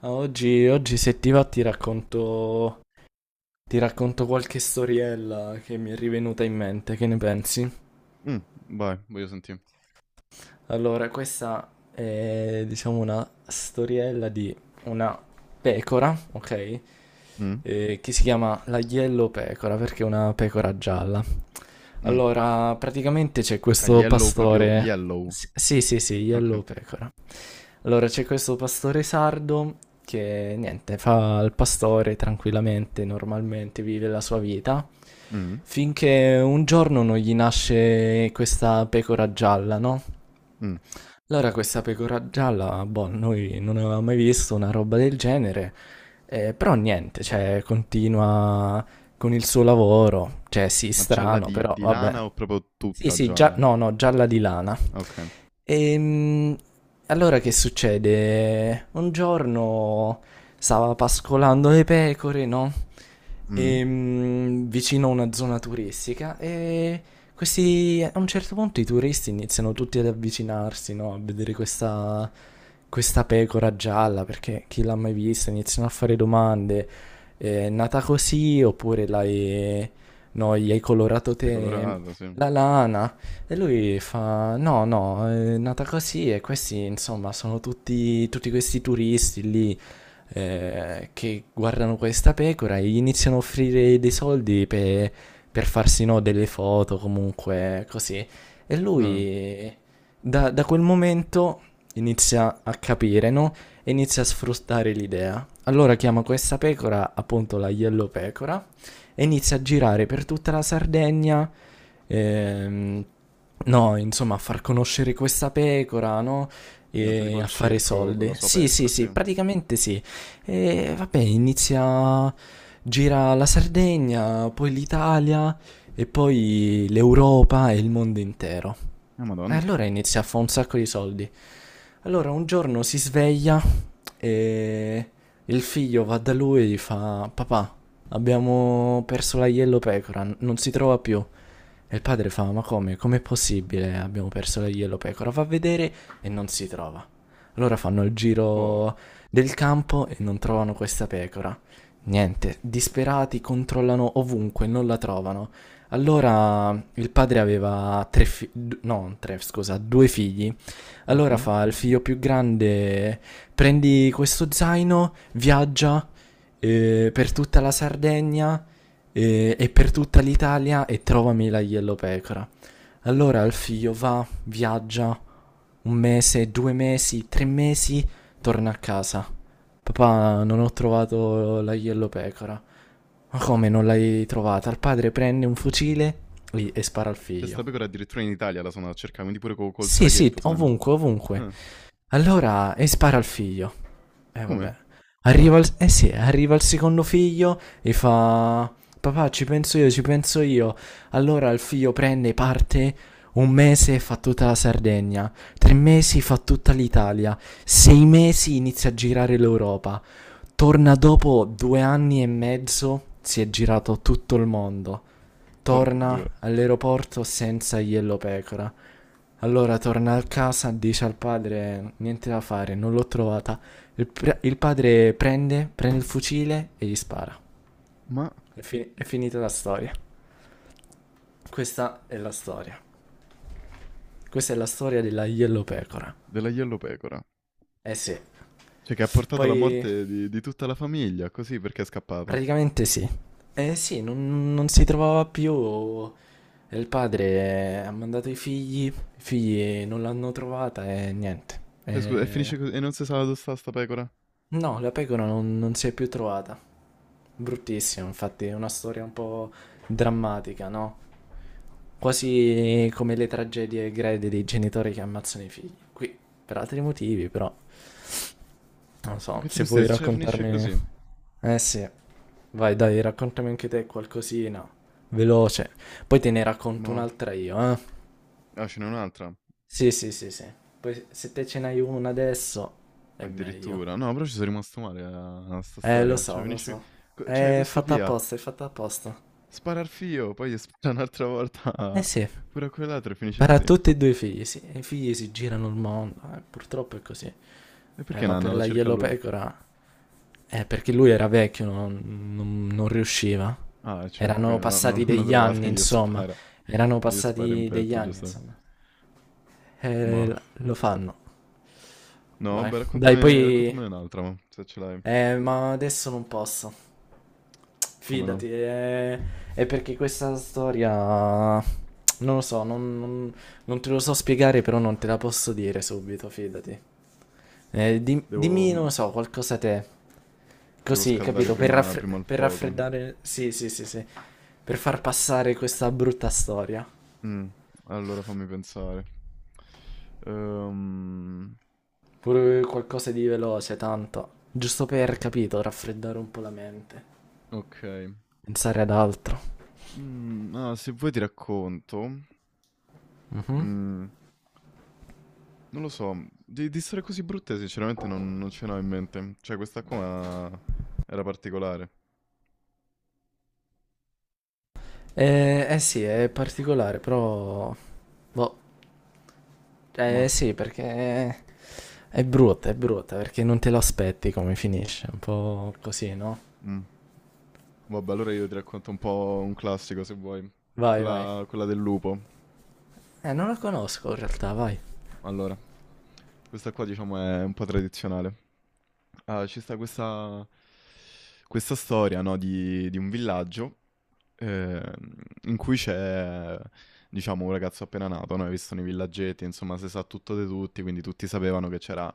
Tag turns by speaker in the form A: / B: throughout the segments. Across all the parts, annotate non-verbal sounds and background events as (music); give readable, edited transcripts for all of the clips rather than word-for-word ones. A: Ah, Oggi se ti va ti racconto qualche storiella che mi è rivenuta in mente, che ne pensi?
B: Mh, vai, voglio senti
A: Allora, questa è diciamo una storiella di una pecora, ok?
B: Mh,
A: Che si chiama la Yellow Pecora perché è una pecora gialla.
B: mh.
A: Allora, praticamente c'è
B: A
A: questo
B: yellow proprio
A: pastore.
B: yellow?
A: Sì, sì, sì, Yellow
B: Okay.
A: Pecora. Allora, c'è questo pastore sardo che niente, fa il pastore tranquillamente, normalmente vive la sua vita,
B: Mh,
A: finché un giorno non gli nasce questa pecora gialla, no?
B: mh.
A: Allora, questa pecora gialla, boh, noi non avevamo mai visto una roba del genere, però niente, cioè, continua con il suo lavoro, cioè, sì,
B: Ma gialla
A: strano,
B: di
A: però
B: di
A: vabbè.
B: lana o proprio
A: Sì,
B: tutta
A: sì,
B: gialla?
A: no, no, gialla di lana.
B: Okay.
A: Ehm, allora che succede? Un giorno stava pascolando le pecore, no?
B: Mh.
A: Vicino a una zona turistica e questi, a un certo punto i turisti iniziano tutti ad avvicinarsi, no? A vedere questa pecora gialla, perché chi l'ha mai vista? Iniziano a fare domande. È nata così oppure l'hai, no, gli hai colorato
B: L'hai
A: te?
B: colorata, sì.
A: La lana. E lui fa: No, no, è nata così. E questi, insomma, sono tutti questi turisti lì che guardano questa pecora e gli iniziano a offrire dei soldi per farsi, no, delle foto, comunque, così. E
B: Ah,
A: lui, da quel momento, inizia a capire, no? E inizia a sfruttare l'idea. Allora chiama questa pecora appunto la Yellow Pecora e inizia a girare per tutta la Sardegna. ehm, no, insomma, a far conoscere questa pecora, no?
B: diventa tipo
A: E
B: il
A: a fare
B: circo con la
A: soldi.
B: sua
A: Sì, sì,
B: pecora, sì.
A: sì, praticamente sì. E vabbè, inizia. Gira la Sardegna, poi l'Italia e poi l'Europa e il mondo intero.
B: Ah,
A: E
B: madonna.
A: allora inizia a fare un sacco di soldi. Allora un giorno si sveglia e il figlio va da lui e gli fa: Papà, abbiamo perso la Yellow Pecora, non si trova più. E il padre fa: Ma come? Com'è possibile? Abbiamo perso la Yellow Pecora. Va a vedere e non si trova. Allora fanno il
B: Oh.
A: giro del campo e non trovano questa pecora. Niente, disperati controllano ovunque, non la trovano. Allora il padre aveva tre figli, no, tre, scusa, due figli allora
B: Mh-mh.
A: fa il figlio più grande, prendi questo zaino, viaggia per tutta la Sardegna e per tutta l'Italia e trovami la yellowpecora. Allora il figlio va, viaggia un mese, 2 mesi, 3 mesi, torna a casa. Papà, non ho trovato la yellowpecora. Ma come non l'hai trovata? Il padre prende un fucile lì, e spara al
B: C'è 'sta
A: figlio.
B: pecora addirittura in Italia la sono andata a cercà, quindi pure co col
A: Sì, sì,
B: traghetto se n'è andata.
A: ovunque, ovunque.
B: Ah,
A: Allora, e spara al figlio. Eh vabbè.
B: come?
A: Eh sì, arriva il secondo figlio e fa... Papà, ci penso io, ci penso io. Allora il figlio prende parte, un mese fa tutta la Sardegna, 3 mesi fa tutta l'Italia, 6 mesi inizia a girare l'Europa, torna dopo 2 anni e mezzo, si è girato tutto il mondo,
B: Porco 2.
A: torna all'aeroporto senza Yellow Pecora, allora torna a casa, dice al padre: Niente da fare, non l'ho trovata. Il padre prende il fucile e gli spara.
B: Ma
A: È finita la storia. Questa è la storia. Questa è la storia della Yellow Pecora.
B: della yellow pecora.
A: Eh sì.
B: Cioè che ha portato alla
A: Poi,
B: morte di tutta la famiglia, così perché è scappata.
A: praticamente sì. Eh sì, non si trovava più. E il padre ha mandato i figli. I figli non l'hanno trovata e niente.
B: Cioè, scusa, e finisce così, e non si sa dove sta pecora.
A: No, la pecora non si è più trovata. Bruttissima, infatti, è una storia un po' drammatica, no? Quasi come le tragedie greche dei genitori che ammazzano i figli. Qui, per altri motivi, però, non
B: Ma
A: so,
B: che
A: se vuoi
B: tristezza, cioè finisce
A: raccontarmi...
B: così.
A: Eh sì, vai dai, raccontami anche te qualcosina, veloce. Poi te ne racconto
B: Ma
A: un'altra io, eh?
B: ah, ce n'è un'altra,
A: Sì, sì, sì, sì. Poi se te ce n'hai una adesso, è meglio.
B: addirittura. No, però ci sono rimasto male a, a sta
A: Lo
B: storia. Cioè
A: so, lo
B: finisce...
A: so.
B: cioè
A: È
B: questo
A: fatta
B: Pia
A: apposta, è fatta apposta.
B: spara al fio, poi gli (laughs) spara un'altra volta
A: Eh sì,
B: pure a quell'altro e finisce
A: per
B: così. E
A: tutti e due i figli, sì. I figli si girano il mondo, purtroppo è così.
B: perché
A: Ma
B: Nanna
A: per
B: la
A: la
B: cerca
A: Yellow
B: lui?
A: Pecora, perché lui era vecchio, non riusciva.
B: Ah, certo,
A: Erano
B: quindi non, non
A: passati
B: l'hanno
A: degli anni,
B: trovata, gli
A: insomma.
B: spara.
A: Erano
B: Gli spara in
A: passati degli
B: petto,
A: anni,
B: giusto?
A: insomma.
B: Ma...
A: Lo fanno,
B: No,
A: vai.
B: beh,
A: Dai,
B: raccontami,
A: poi...
B: raccontamene un'altra, ma se ce l'hai.
A: Ma adesso non posso.
B: Come no?
A: Fidati, è perché questa storia... Non lo so, non te lo so spiegare, però non te la posso dire subito, fidati.
B: Devo,
A: Dimmi, non lo so, qualcosa te.
B: devo
A: Così,
B: scaldare
A: capito? Per,
B: prima,
A: raffre-
B: prima il
A: per
B: fuoco.
A: raffreddare. Sì, sì, sì, sì. Per far passare questa brutta storia.
B: Mm, allora fammi pensare. Ehm,
A: Pure qualcosa di veloce, tanto. Giusto per, capito, raffreddare un po' la mente.
B: ok.
A: Pensare ad altro.
B: Mm, ah, se vuoi ti racconto.
A: Mhm.
B: Mm, non lo so, di storie così brutte sinceramente non, non ce n'ho in mente. Cioè questa qua era particolare.
A: Eh sì, è particolare, però... Boh,
B: Ma...
A: eh sì, perché è brutta, perché non te lo aspetti come finisce, un po' così, no?
B: mm. Vabbè, allora io ti racconto un po' un classico se vuoi.
A: Vai, vai.
B: Quella, quella del lupo.
A: Non la conosco in realtà, vai.
B: Allora, questa qua diciamo è un po' tradizionale. Ah, ci sta questa, questa storia, no, di un villaggio eh, in cui c'è, diciamo, un ragazzo appena nato, no? Hai visto nei villaggetti, insomma, si sa tutto di tutti, quindi tutti sapevano che c'era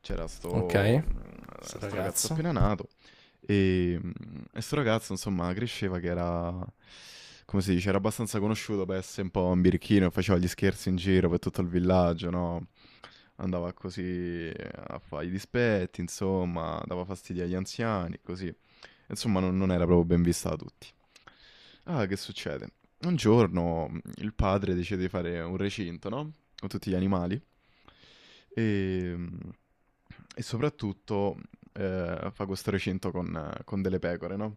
B: c'era sto,
A: Ok. Questo
B: sto ragazzo
A: ragazzo.
B: appena nato e, mh, e sto ragazzo insomma cresceva che era, come si dice, era abbastanza conosciuto per essere un po' un birichino, faceva gli scherzi in giro per tutto il villaggio, no? Andava così a fare i dispetti, insomma, dava fastidio agli anziani, così. Insomma, non, non era proprio ben vista da tutti. Ah, che succede? Un giorno il padre decide di fare un recinto, no? Con tutti gli animali. E, mh, e soprattutto fa questo recinto con delle pecore, no?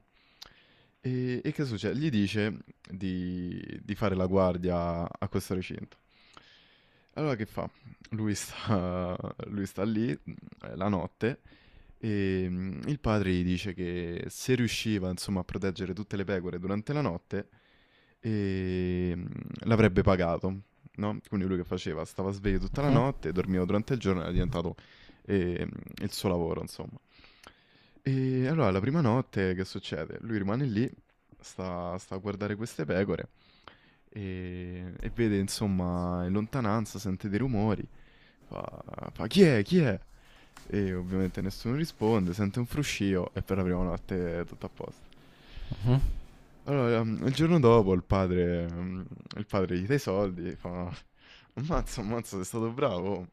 B: E che succede? Gli dice di fare la guardia a questo recinto. Allora che fa? Lui sta, (laughs) lui sta lì la notte e mm, il padre gli dice che se riusciva, insomma, a proteggere tutte le pecore durante la notte, mm, l'avrebbe pagato, no? Quindi lui che faceva? Stava sveglio tutta la
A: Mhm,
B: notte, dormiva durante il giorno, era diventato mm, il suo lavoro, insomma. E allora la prima notte che succede? Lui rimane lì, sta, sta a guardare queste pecore e vede insomma in lontananza, sente dei rumori. Fa, fa, chi è? Chi è? E ovviamente nessuno risponde, sente un fruscio e per la prima notte è tutto a posto.
A: mhm,
B: Allora, mm, il giorno dopo il padre, mm, il padre gli dà i soldi, fa, ammazza, ammazza, sei stato bravo.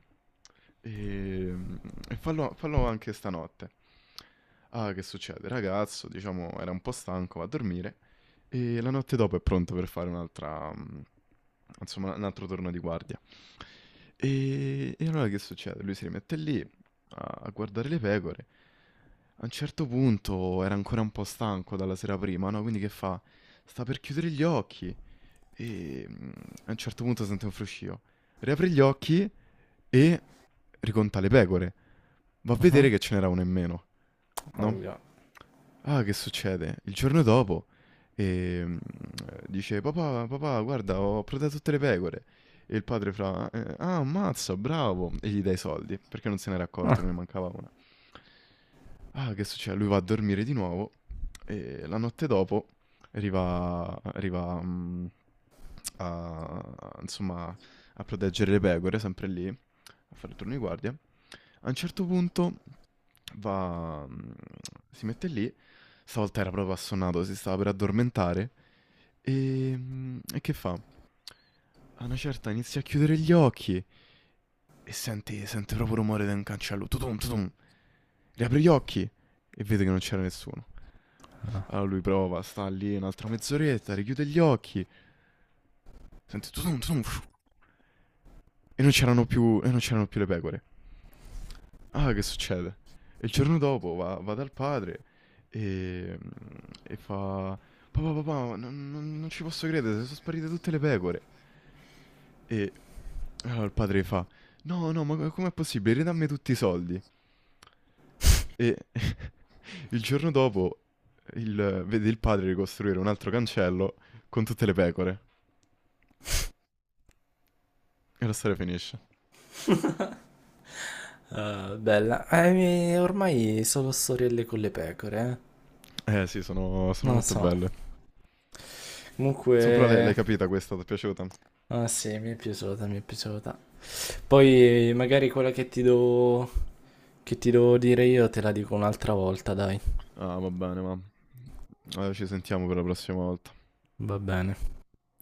B: E, mm, e fallo, fallo anche stanotte. Ah, che succede? Il ragazzo, diciamo, era un po' stanco, va a dormire e la notte dopo è pronto per fare un'altra, mm, insomma, un altro turno di guardia. E allora che succede? Lui si rimette lì a a guardare le pecore. A un certo punto era ancora un po' stanco dalla sera prima, no? Quindi che fa? Sta per chiudere gli occhi e mm, a un certo punto sente un fruscio. Riapre gli occhi e riconta le pecore. Va a
A: mhm.
B: vedere che ce n'era una in meno, no?
A: Ovvio.
B: Ah, che succede? Il giorno dopo ehm, dice: Papà, papà, guarda, ho protetto tutte le pecore. E il padre fa: ah, ammazza, bravo!" E gli dai i soldi perché non se n'era accorto che
A: Ah.
B: ne
A: (laughs)
B: mancava una. Ah, che succede? Lui va a dormire di nuovo e la notte dopo arriva, arriva mm, a, insomma, a proteggere le pecore, sempre lì, a fare il turno di guardia. A un certo punto va, mm, si mette lì, stavolta era proprio assonnato, si stava per addormentare e, mm, e che fa? A una certa inizia a chiudere gli occhi e sente, sente proprio il rumore da un cancello, tutum, tutum, riapre gli occhi e vede che non c'era nessuno. Allora lui prova, sta lì un'altra mezz'oretta, richiude gli occhi, sente tutum, tutum, fiu, e non c'erano più, e non c'erano più le pecore. Ah, che succede? E il giorno dopo va, va dal padre e, e fa: Papà, papà, non, non ci posso credere, sono sparite tutte le pecore. E allora il padre fa: No, no, ma com'è possibile? Ridammi tutti i soldi. E (laughs) il giorno dopo vede il padre ricostruire un altro cancello con tutte le pecore. E la storia finisce.
A: Bella. Ormai solo storielle con le pecore, eh.
B: Eh sì, sono, sono
A: Non lo
B: molto belle.
A: so.
B: So, però l'hai
A: Comunque...
B: capita questa, ti è piaciuta?
A: Ah sì, mi è piaciuta, mi è piaciuta. Poi magari quella che ti do... che ti devo dire io te la dico un'altra volta, dai.
B: Ah, va bene, ma ci sentiamo per la prossima volta.
A: Va bene.